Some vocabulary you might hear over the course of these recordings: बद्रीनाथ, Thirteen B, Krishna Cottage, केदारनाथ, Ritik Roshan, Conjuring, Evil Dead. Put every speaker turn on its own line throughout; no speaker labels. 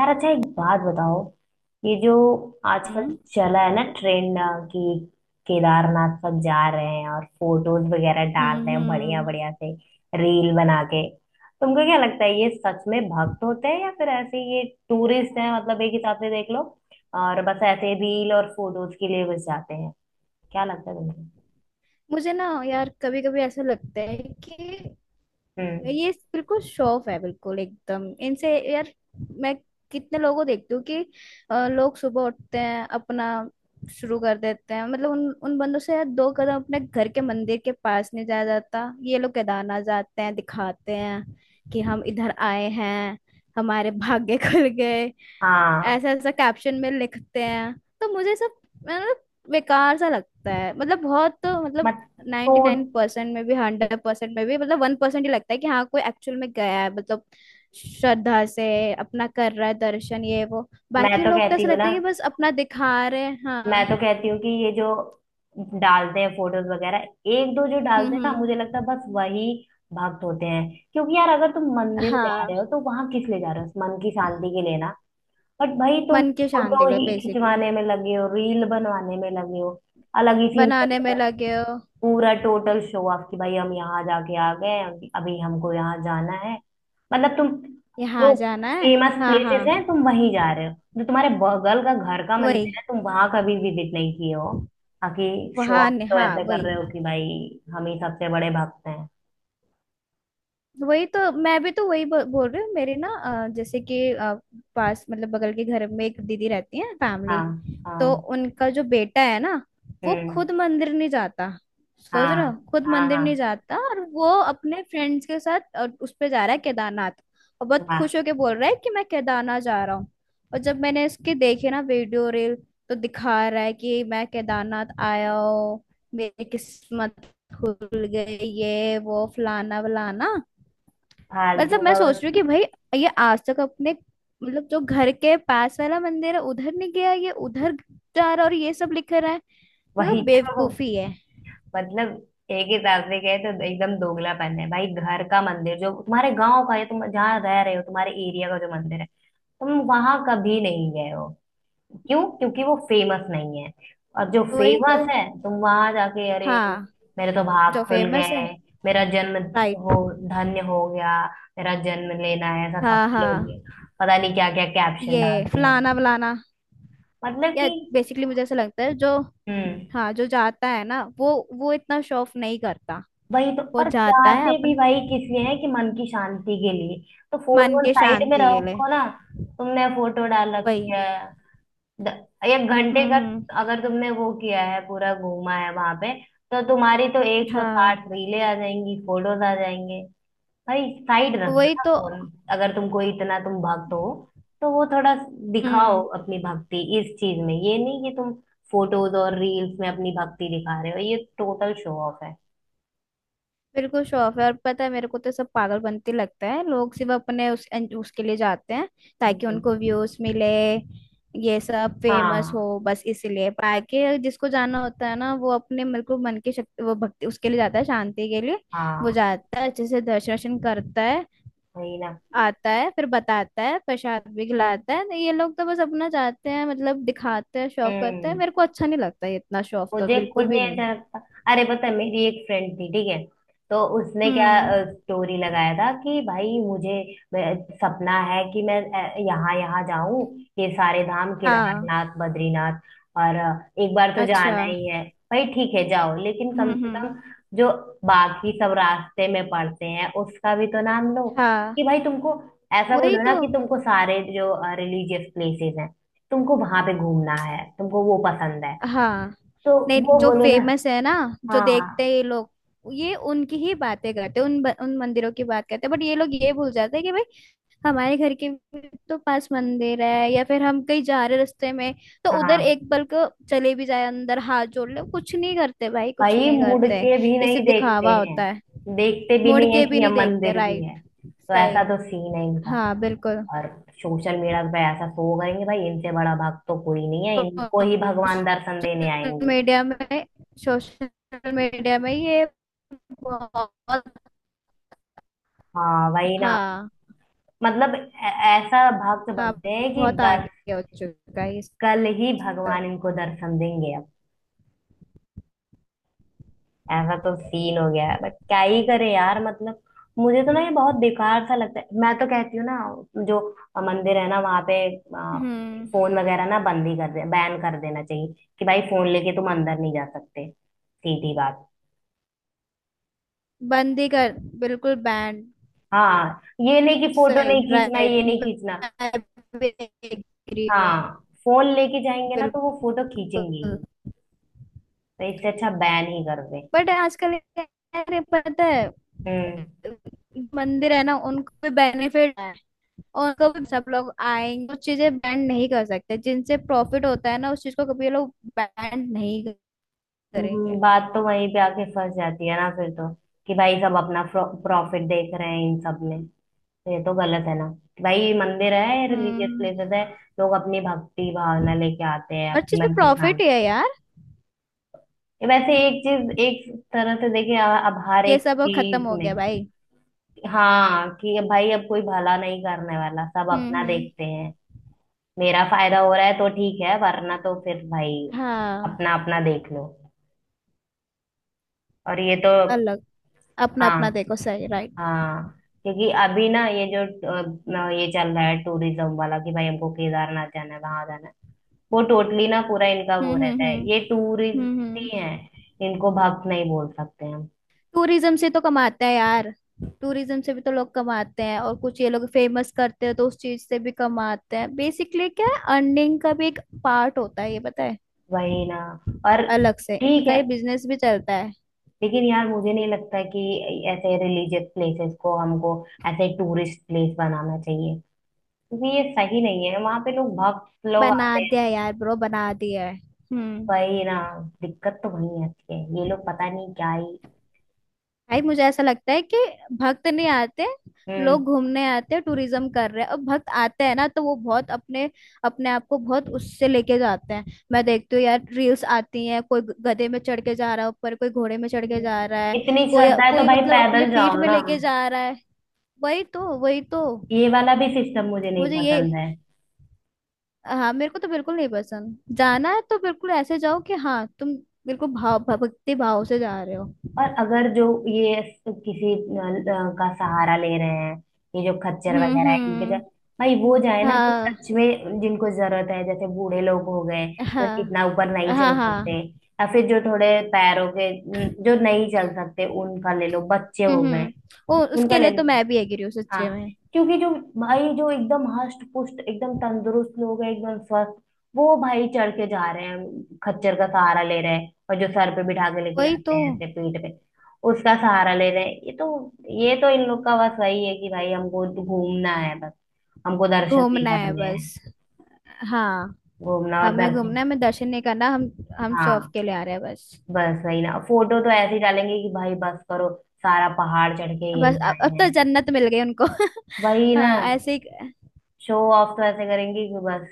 यार अच्छा, एक बात बताओ। ये जो आजकल
हम्म
चला है ना ट्रेंड कि केदारनाथ तक जा रहे हैं और फोटोज वगैरह डाल
हम्म
रहे हैं बढ़िया
हम्म।
बढ़िया से, रील बना के। तुमको क्या लगता है, ये सच में भक्त होते हैं या फिर ऐसे ये टूरिस्ट हैं? मतलब एक हिसाब से देख लो, और बस ऐसे रील और फोटोज के लिए बस जाते हैं। क्या लगता है तुमको?
मुझे ना यार कभी कभी ऐसा लगता है कि
हम्म।
ये बिल्कुल शो ऑफ है बिल्कुल एकदम इनसे यार। मैं कितने लोगों को देखती हूँ कि लोग सुबह उठते हैं अपना शुरू कर देते हैं मतलब उन उन बंदों से यार 2 कदम अपने घर के मंदिर के पास नहीं जाया जाता। ये लोग केदारनाथ जाते हैं दिखाते हैं कि हम इधर आए हैं हमारे भाग्य खुल गए।
हाँ।
ऐसा ऐसा कैप्शन में लिखते हैं तो मुझे सब मतलब बेकार सा लगता है मतलब बहुत मतलब
मत तो
99% में भी 100% में भी मतलब 1% ही लगता है कि हाँ कोई एक्चुअल में गया है मतलब श्रद्धा से अपना कर रहा है दर्शन ये वो
मैं
बाकी
तो
लोग तो
कहती
ऐसा
हूँ
लगता
ना,
है कि बस अपना दिखा रहे हैं।
मैं
हाँ।
तो कहती हूँ कि ये जो डालते हैं फोटोज वगैरह, एक दो जो डालते हैं ना,
हम्म।
मुझे लगता है बस वही भक्त होते हैं। क्योंकि यार, अगर तुम मंदिर जा
हाँ।
रहे हो तो वहां किस लिए जा रहे हो? मन की शांति के लिए ना। बट भाई, तुम
मन की शांति
फोटो
लो
ही
बेसिकली।
खिंचवाने में लगे हो, रील बनवाने में लगे हो, अलग ही सीन चल
बनाने में
रहा है।
लगे हो।
पूरा टोटल शो ऑफ कि भाई हम यहाँ जाके आ गए, अभी अभी हमको यहाँ जाना है। मतलब तुम जो
यहाँ जाना है।
फेमस
हाँ
प्लेसेस हैं
हाँ।
तुम वहीं जा रहे हो, जो तुम्हारे बगल का घर का
वही।
मंदिर है तुम वहां कभी विजिट नहीं किए हो। बाकी शो
वहाँ
ऑफ तो
हाँ
ऐसे कर
वही।
रहे हो कि भाई हम ही सबसे बड़े भक्त हैं।
वही तो मैं भी तो वही बोल रही हूँ मेरे ना। जैसे कि पास मतलब बगल के घर में एक दीदी रहती है फैमिली।
हाँ।
तो
हाँ।
उनका जो बेटा है ना वो
हम्म।
खुद मंदिर नहीं जाता। सोच रहे हो
हाँ।
खुद
हाँ।
मंदिर नहीं
हाँ।
जाता और वो अपने फ्रेंड्स के साथ और उस पे जा रहा है केदारनाथ। और बहुत
वाह।
खुश होके बोल रहा है कि मैं केदारनाथ जा रहा हूँ। और जब मैंने इसके देखे ना वीडियो रील तो दिखा रहा है कि मैं केदारनाथ आया हूँ। मेरी किस्मत खुल गई ये वो फलाना वलाना। मतलब
फालतू
मैं
का
सोच
बस।
रही हूँ कि भाई ये आज तक अपने मतलब जो घर के पास वाला मंदिर है उधर नहीं गया ये उधर जा रहा और ये सब लिख रहा है।
वही
मतलब
तो।
बेवकूफी है।
मतलब एक ही सास में गए तो एकदम दोगलापन है, भाई। घर का मंदिर जो तुम्हारे गांव का है, तुम जहाँ रह रहे हो, तुम्हारे एरिया का जो मंदिर है, तुम वहां कभी नहीं गए हो। क्यों? क्योंकि वो फेमस नहीं है। और जो
वही तो।
फेमस है तुम वहां जाके, अरे
हाँ
मेरे तो
जो
भाग खुल
फेमस है।
गए, मेरा जन्म वो
राइट।
धन्य हो गया, मेरा जन्म लेना है ऐसा
हाँ
सफल
हाँ।
हो गया। पता नहीं क्या क्या कैप्शन
ये
डालते हैं।
फलाना वलाना
मतलब
या
कि
बेसिकली मुझे ऐसा लगता है जो
हम्म।
हाँ जो जाता है ना वो इतना शो ऑफ नहीं करता।
वही तो,
वो
और
जाता है
जाते भी
अपने
भाई किस लिए हैं? कि मन की शांति के लिए। तो फोन
मन
वोन
के
साइड में
शांति के लिए।
रखो ना। तुमने फोटो डाल रखी
वही।
है, द- 1 घंटे का।
हम्म।
अगर तुमने वो किया है, पूरा घूमा है वहां पे, तो तुम्हारी तो एक सौ
हाँ।
साठ रीले आ जाएंगी, फोटोज आ जाएंगे। भाई साइड रख दो
वही
ना
तो।
फोन। अगर तुमको इतना तुम भक्त हो तो वो थोड़ा दिखाओ
हम्म।
अपनी भक्ति इस चीज में। ये नहीं कि तुम फोटोज और रील्स में अपनी भक्ति दिखा रहे हो, ये टोटल शो ऑफ है।
बिल्कुल शो ऑफ है और पता है मेरे को तो सब पागल बनते लगता है लोग सिर्फ अपने उस उसके लिए जाते हैं ताकि
हम्म।
उनको व्यूज मिले। ये सब फेमस हो
हाँ।
बस इसीलिए बाकी जिसको जाना होता है ना वो अपने बिल्कुल मन की शक्ति वो भक्ति उसके लिए जाता है शांति के लिए। वो
हाँ
जाता है अच्छे से दर्शन वर्शन करता है।
वही ना।
आता है फिर बताता है प्रसाद भी खिलाता है तो ये लोग तो बस अपना जाते हैं मतलब दिखाते हैं शो ऑफ करते हैं
हम्म।
मेरे को अच्छा नहीं लगता ये इतना शो ऑफ तो
मुझे खुद
बिल्कुल भी
नहीं
नहीं।
अच्छा लगता। अरे पता है, मेरी एक फ्रेंड थी ठीक है, तो उसने क्या
हम्म।
स्टोरी लगाया था कि भाई मुझे सपना है कि मैं यहाँ यहाँ जाऊं, ये सारे धाम
हाँ।
केदारनाथ बद्रीनाथ, और एक बार तो
अच्छा।
जाना ही है। भाई ठीक है जाओ, लेकिन कम से
हम्म।
कम जो बाकी सब रास्ते में पड़ते हैं उसका भी तो नाम लो।
हाँ।
कि भाई तुमको ऐसा
वही
बोलो ना
तो।
कि तुमको सारे जो रिलीजियस प्लेसेस हैं, तुमको वहां पे घूमना है, तुमको वो पसंद है
हाँ
तो
नहीं
वो
जो
बोलो ना।
फेमस है ना जो देखते
हाँ।
हैं ये लोग ये उनकी ही बातें करते हैं उन मंदिरों की बात करते हैं बट ये लोग ये भूल जाते हैं कि भाई हमारे घर के भी तो पास मंदिर है या फिर हम कहीं जा रहे रास्ते में तो उधर
हाँ।
एक पल को चले भी जाए अंदर हाथ जोड़ ले कुछ नहीं करते भाई कुछ
भाई
नहीं
मुड़
करते।
के भी
ये
नहीं
सिर्फ
देखते
दिखावा होता है।
हैं, देखते भी
मुड़
नहीं है
के भी
कि यह
नहीं देखते।
मंदिर भी है।
राइट।
तो ऐसा
सही।
तो सीन है इनका।
हाँ बिल्कुल।
और सोशल मीडिया पे ऐसा शो करेंगे, भाई इनसे बड़ा भक्त तो कोई नहीं है, इनको ही भगवान दर्शन देने
सोशल
आएंगे।
मीडिया में। सोशल मीडिया में ये बहुत।
हाँ वही ना।
हाँ
मतलब ऐसा भक्त
हाँ।
बनते हैं कि
बहुत
बस
आगे हो चुका है इस
कल ही
तरह।
भगवान इनको दर्शन देंगे, ऐसा तो सीन हो गया है। बट क्या ही करे यार, मतलब मुझे तो ना ये बहुत बेकार सा लगता है। मैं तो कहती हूँ ना, जो मंदिर है ना वहां पे
हम्म।
फोन वगैरह ना बंद ही कर दे, बैन कर देना चाहिए। कि भाई फोन लेके तुम अंदर नहीं जा सकते, सीधी बात।
बंदी कर। बिल्कुल बैंड।
हाँ ये नहीं कि फोटो नहीं
सही
खींचना, ये
राइट।
नहीं खींचना।
मैं भी agree
हाँ
हूँ।
फोन लेके जाएंगे ना तो वो फोटो खींचेंगे
बिल्कुल।
ही, तो इससे अच्छा बैन ही कर दे।
बट आजकल यार ये पता है
हम्म।
मंदिर है ना उनको भी बेनिफिट है। और कभी सब लोग आएंगे वो चीजें बैंड नहीं कर सकते जिनसे प्रॉफिट होता है ना उस चीज को कभी ये लोग बैंड नहीं करेंगे।
बात तो वहीं पे आके फंस जाती है ना फिर तो, कि भाई सब अपना प्रॉफिट देख रहे हैं इन सब में। तो ये तो गलत है ना, कि भाई मंदिर है, रिलीजियस
हम्म।
प्लेसेस है, लोग अपनी भक्ति भावना लेके आते हैं,
हर चीज
अपने
में
मन की
प्रॉफिट ही
शांति।
है यार।
ये वैसे एक चीज, एक तरह से देखे अब हर
ये
एक
सब अब खत्म
चीज
हो
में,
गया भाई।
हाँ कि भाई अब कोई भला नहीं करने वाला, सब अपना
हम्म।
देखते हैं। मेरा फायदा हो रहा है तो ठीक है वरना तो फिर भाई
हाँ।
अपना अपना देख लो। और ये तो,
अलग। अपना अपना
हाँ,
देखो। सही राइट।
हाँ, क्योंकि अभी ना ये जो अ, ये चल रहा है टूरिज्म वाला कि भाई हमको केदारनाथ जाना है, वहां जाना है, वो टोटली ना पूरा इनका
हम्म
वो
हम्म
रहता है ये
हम्म
टूरिस्ट ही
हम्म।
है। इनको भक्त नहीं बोल सकते हम।
टूरिज्म से तो कमाते हैं यार। टूरिज्म से भी तो लोग कमाते हैं और कुछ ये लोग फेमस करते हैं तो उस चीज से भी कमाते हैं बेसिकली क्या है अर्निंग का भी एक पार्ट होता है ये पता है।
वही ना। और
अलग से
ठीक
इनका
है,
ये बिजनेस भी चलता है।
लेकिन यार मुझे नहीं लगता कि ऐसे रिलीजियस प्लेसेस को हमको ऐसे टूरिस्ट प्लेस बनाना चाहिए, क्योंकि ये सही नहीं है, वहां पे लोग भक्त लोग
बना
आते
दिया है
हैं।
यार ब्रो बना दिया है। हम्म।
वही ना, दिक्कत तो वही आती है। ये लोग पता नहीं क्या ही।
भाई मुझे ऐसा लगता है कि भक्त नहीं आते
हम्म।
लोग घूमने आते हैं टूरिज्म कर रहे हैं और भक्त आते हैं ना तो वो बहुत अपने अपने आप को बहुत उससे लेके जाते हैं। मैं देखती हूँ यार रील्स आती हैं कोई गधे में चढ़ के जा रहा है ऊपर कोई घोड़े में चढ़ के जा रहा है
इतनी
कोई
श्रद्धा है तो
कोई
भाई
मतलब अपने
पैदल
पीठ
जाओ
में
ना।
लेके जा रहा है। वही तो वही तो।
ये वाला भी सिस्टम मुझे नहीं
मुझे ये
पसंद है।
हाँ मेरे को तो बिल्कुल नहीं पसंद जाना है तो बिल्कुल ऐसे जाओ कि हाँ तुम बिल्कुल भाव भक्ति भाव से जा रहे हो।
और अगर जो ये किसी का सहारा ले रहे हैं, ये जो खच्चर वगैरह है इनके
हम्म।
भाई वो जाए ना जो
हाँ
सच में जिनको जरूरत है, जैसे बूढ़े लोग हो गए जो
हाँ
इतना ऊपर नहीं चल
हाँ
सकते,
हाँ।
या फिर जो थोड़े पैरों के जो नहीं चल सकते उनका ले लो, बच्चे हो गए
हम्म। ओ
उनका
उसके
ले
लिए तो
लो।
मैं भी एग्री हूँ
हाँ
सच्चे में।
क्योंकि जो भाई जो एकदम हष्ट पुष्ट, एकदम तंदुरुस्त लोग हैं, एकदम स्वस्थ, वो भाई चढ़ के जा रहे हैं खच्चर का सहारा ले रहे हैं, और जो सर पे बिठा के लेके
वही
जाते
तो।
हैं ऐसे पीठ पे, उसका सहारा ले रहे हैं। ये तो इन लोग का बस वही है कि भाई हमको घूमना है बस, हमको दर्शन नहीं
घूमना है
करने
बस।
हैं।
हाँ।
घूमना और
हमें
दर्शन,
घूमना है हमें दर्शन नहीं करना हम शौक
हाँ।
के लिए आ रहे हैं बस।
बस वही ना, फोटो तो ऐसे ही डालेंगे कि भाई बस करो, सारा पहाड़ चढ़ के
बस
यही
अब
आए
तो
हैं।
जन्नत मिल गई उनको
वही ना,
हाँ ऐसे ही।
शो ऑफ तो ऐसे करेंगे कि बस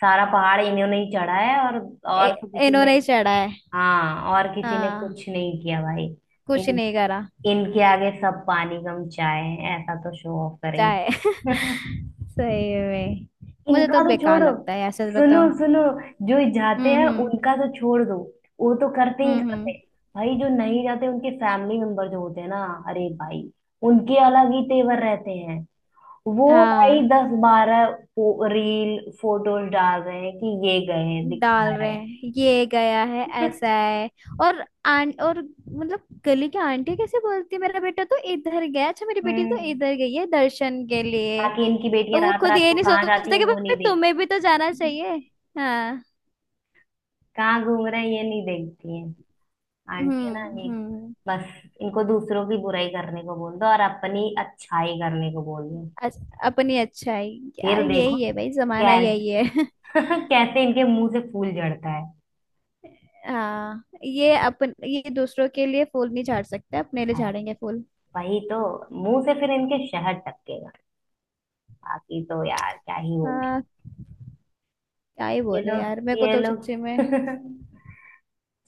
सारा पहाड़ इन्होंने ही चढ़ा है, और तो किसी ने,
इन्होंने ही चढ़ा है।
हाँ और किसी ने
हाँ।
कुछ नहीं किया भाई।
कुछ
इन
नहीं करा।
इनके आगे सब पानी कम चाय है, ऐसा तो शो ऑफ
चाहे
करेंगे
सही में मुझे तो
इनका तो
बेकार
छोड़ो,
लगता है ऐसे
सुनो
बताओ।
सुनो, जो जाते हैं
हम्म हम्म
उनका तो छोड़ दो, वो तो करते ही करते
हम्म।
हैं। भाई जो नहीं जाते, उनके फैमिली मेंबर जो होते हैं ना, अरे भाई उनके अलग ही तेवर रहते हैं। वो
हाँ।
भाई दस बारह रील फोटोज डाल रहे हैं कि ये गए हैं,
डाल
दिखा रहे
रहे
हैं
हैं ये गया है ऐसा है। और आं और मतलब गली की आंटी कैसे बोलती है मेरा बेटा तो इधर गया अच्छा मेरी बेटी तो
हम्म।
इधर गई है दर्शन के लिए।
बाकी इनकी
और
बेटियां
वो
रात
खुद
रात
ये
को
नहीं
कहाँ जाती
सोचते
हैं
कि
वो
भाई
नहीं
तुम्हें भी तो जाना
देखती,
चाहिए। हाँ।
कहाँ घूम रहे हैं ये नहीं देखती हैं। आंटी है ना ये,
हम्म।
बस इनको दूसरों की बुराई करने को बोल दो और अपनी अच्छाई करने को बोल दो,
अपनी अच्छाई।
फिर
यार
देखो
यही है भाई जमाना यही
कैसे
है
कैसे इनके मुंह से फूल झड़ता है।
हाँ ये अपन ये दूसरों के लिए फूल नहीं झाड़ सकते अपने लिए
है,
झाड़ेंगे फूल।
वही तो, मुंह से फिर इनके शहद टपकेगा। बाकी तो यार क्या ही बोले।
हाँ। क्या ही
ये दो
बोले यार मेरे को
ये
तो सच्ची
लोग
में।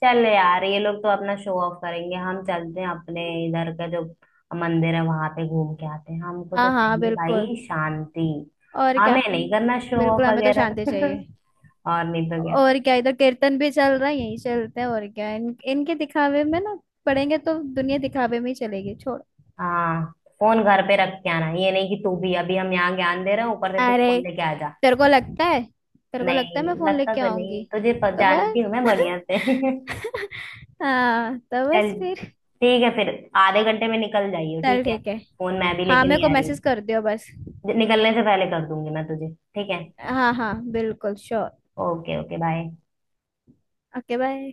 चल यार, ये लोग तो अपना शो ऑफ करेंगे, हम चलते हैं अपने इधर का जो मंदिर है वहां पे घूम के आते हैं, हमको तो
हाँ हाँ
चाहिए
बिल्कुल।
भाई शांति।
और क्या।
हमें नहीं करना शो ऑफ
बिल्कुल हमें तो
वगैरह
शांति चाहिए।
और नहीं तो क्या।
और क्या इधर कीर्तन भी चल रहा है यही चलते हैं और क्या इनके दिखावे में ना पड़ेंगे तो दुनिया दिखावे में ही चलेगी छोड़।
हाँ फोन घर पे रख के आना, ये नहीं कि तू भी अभी हम यहाँ ज्ञान दे रहे हैं ऊपर से तू
अरे।
फोन लेके आ जा।
तेरे को लगता है। तेरे को लगता है मैं
नहीं
फोन
लगता
लेके
तो
आऊंगी।
नहीं तुझे,
तो
जानती
बस
हूँ मैं बढ़िया से
हाँ तो
चल
बस फिर।
ठीक है फिर, आधे घंटे में निकल जाइयो ठीक
चल
है।
ठीक है।
फोन मैं भी
हाँ
लेके
मेरे को
नहीं आ रही,
मैसेज कर दियो बस।
निकलने से पहले कर दूंगी मैं तुझे, ठीक है।
हाँ हाँ बिल्कुल sure.
Okay okay bye.
Okay bye.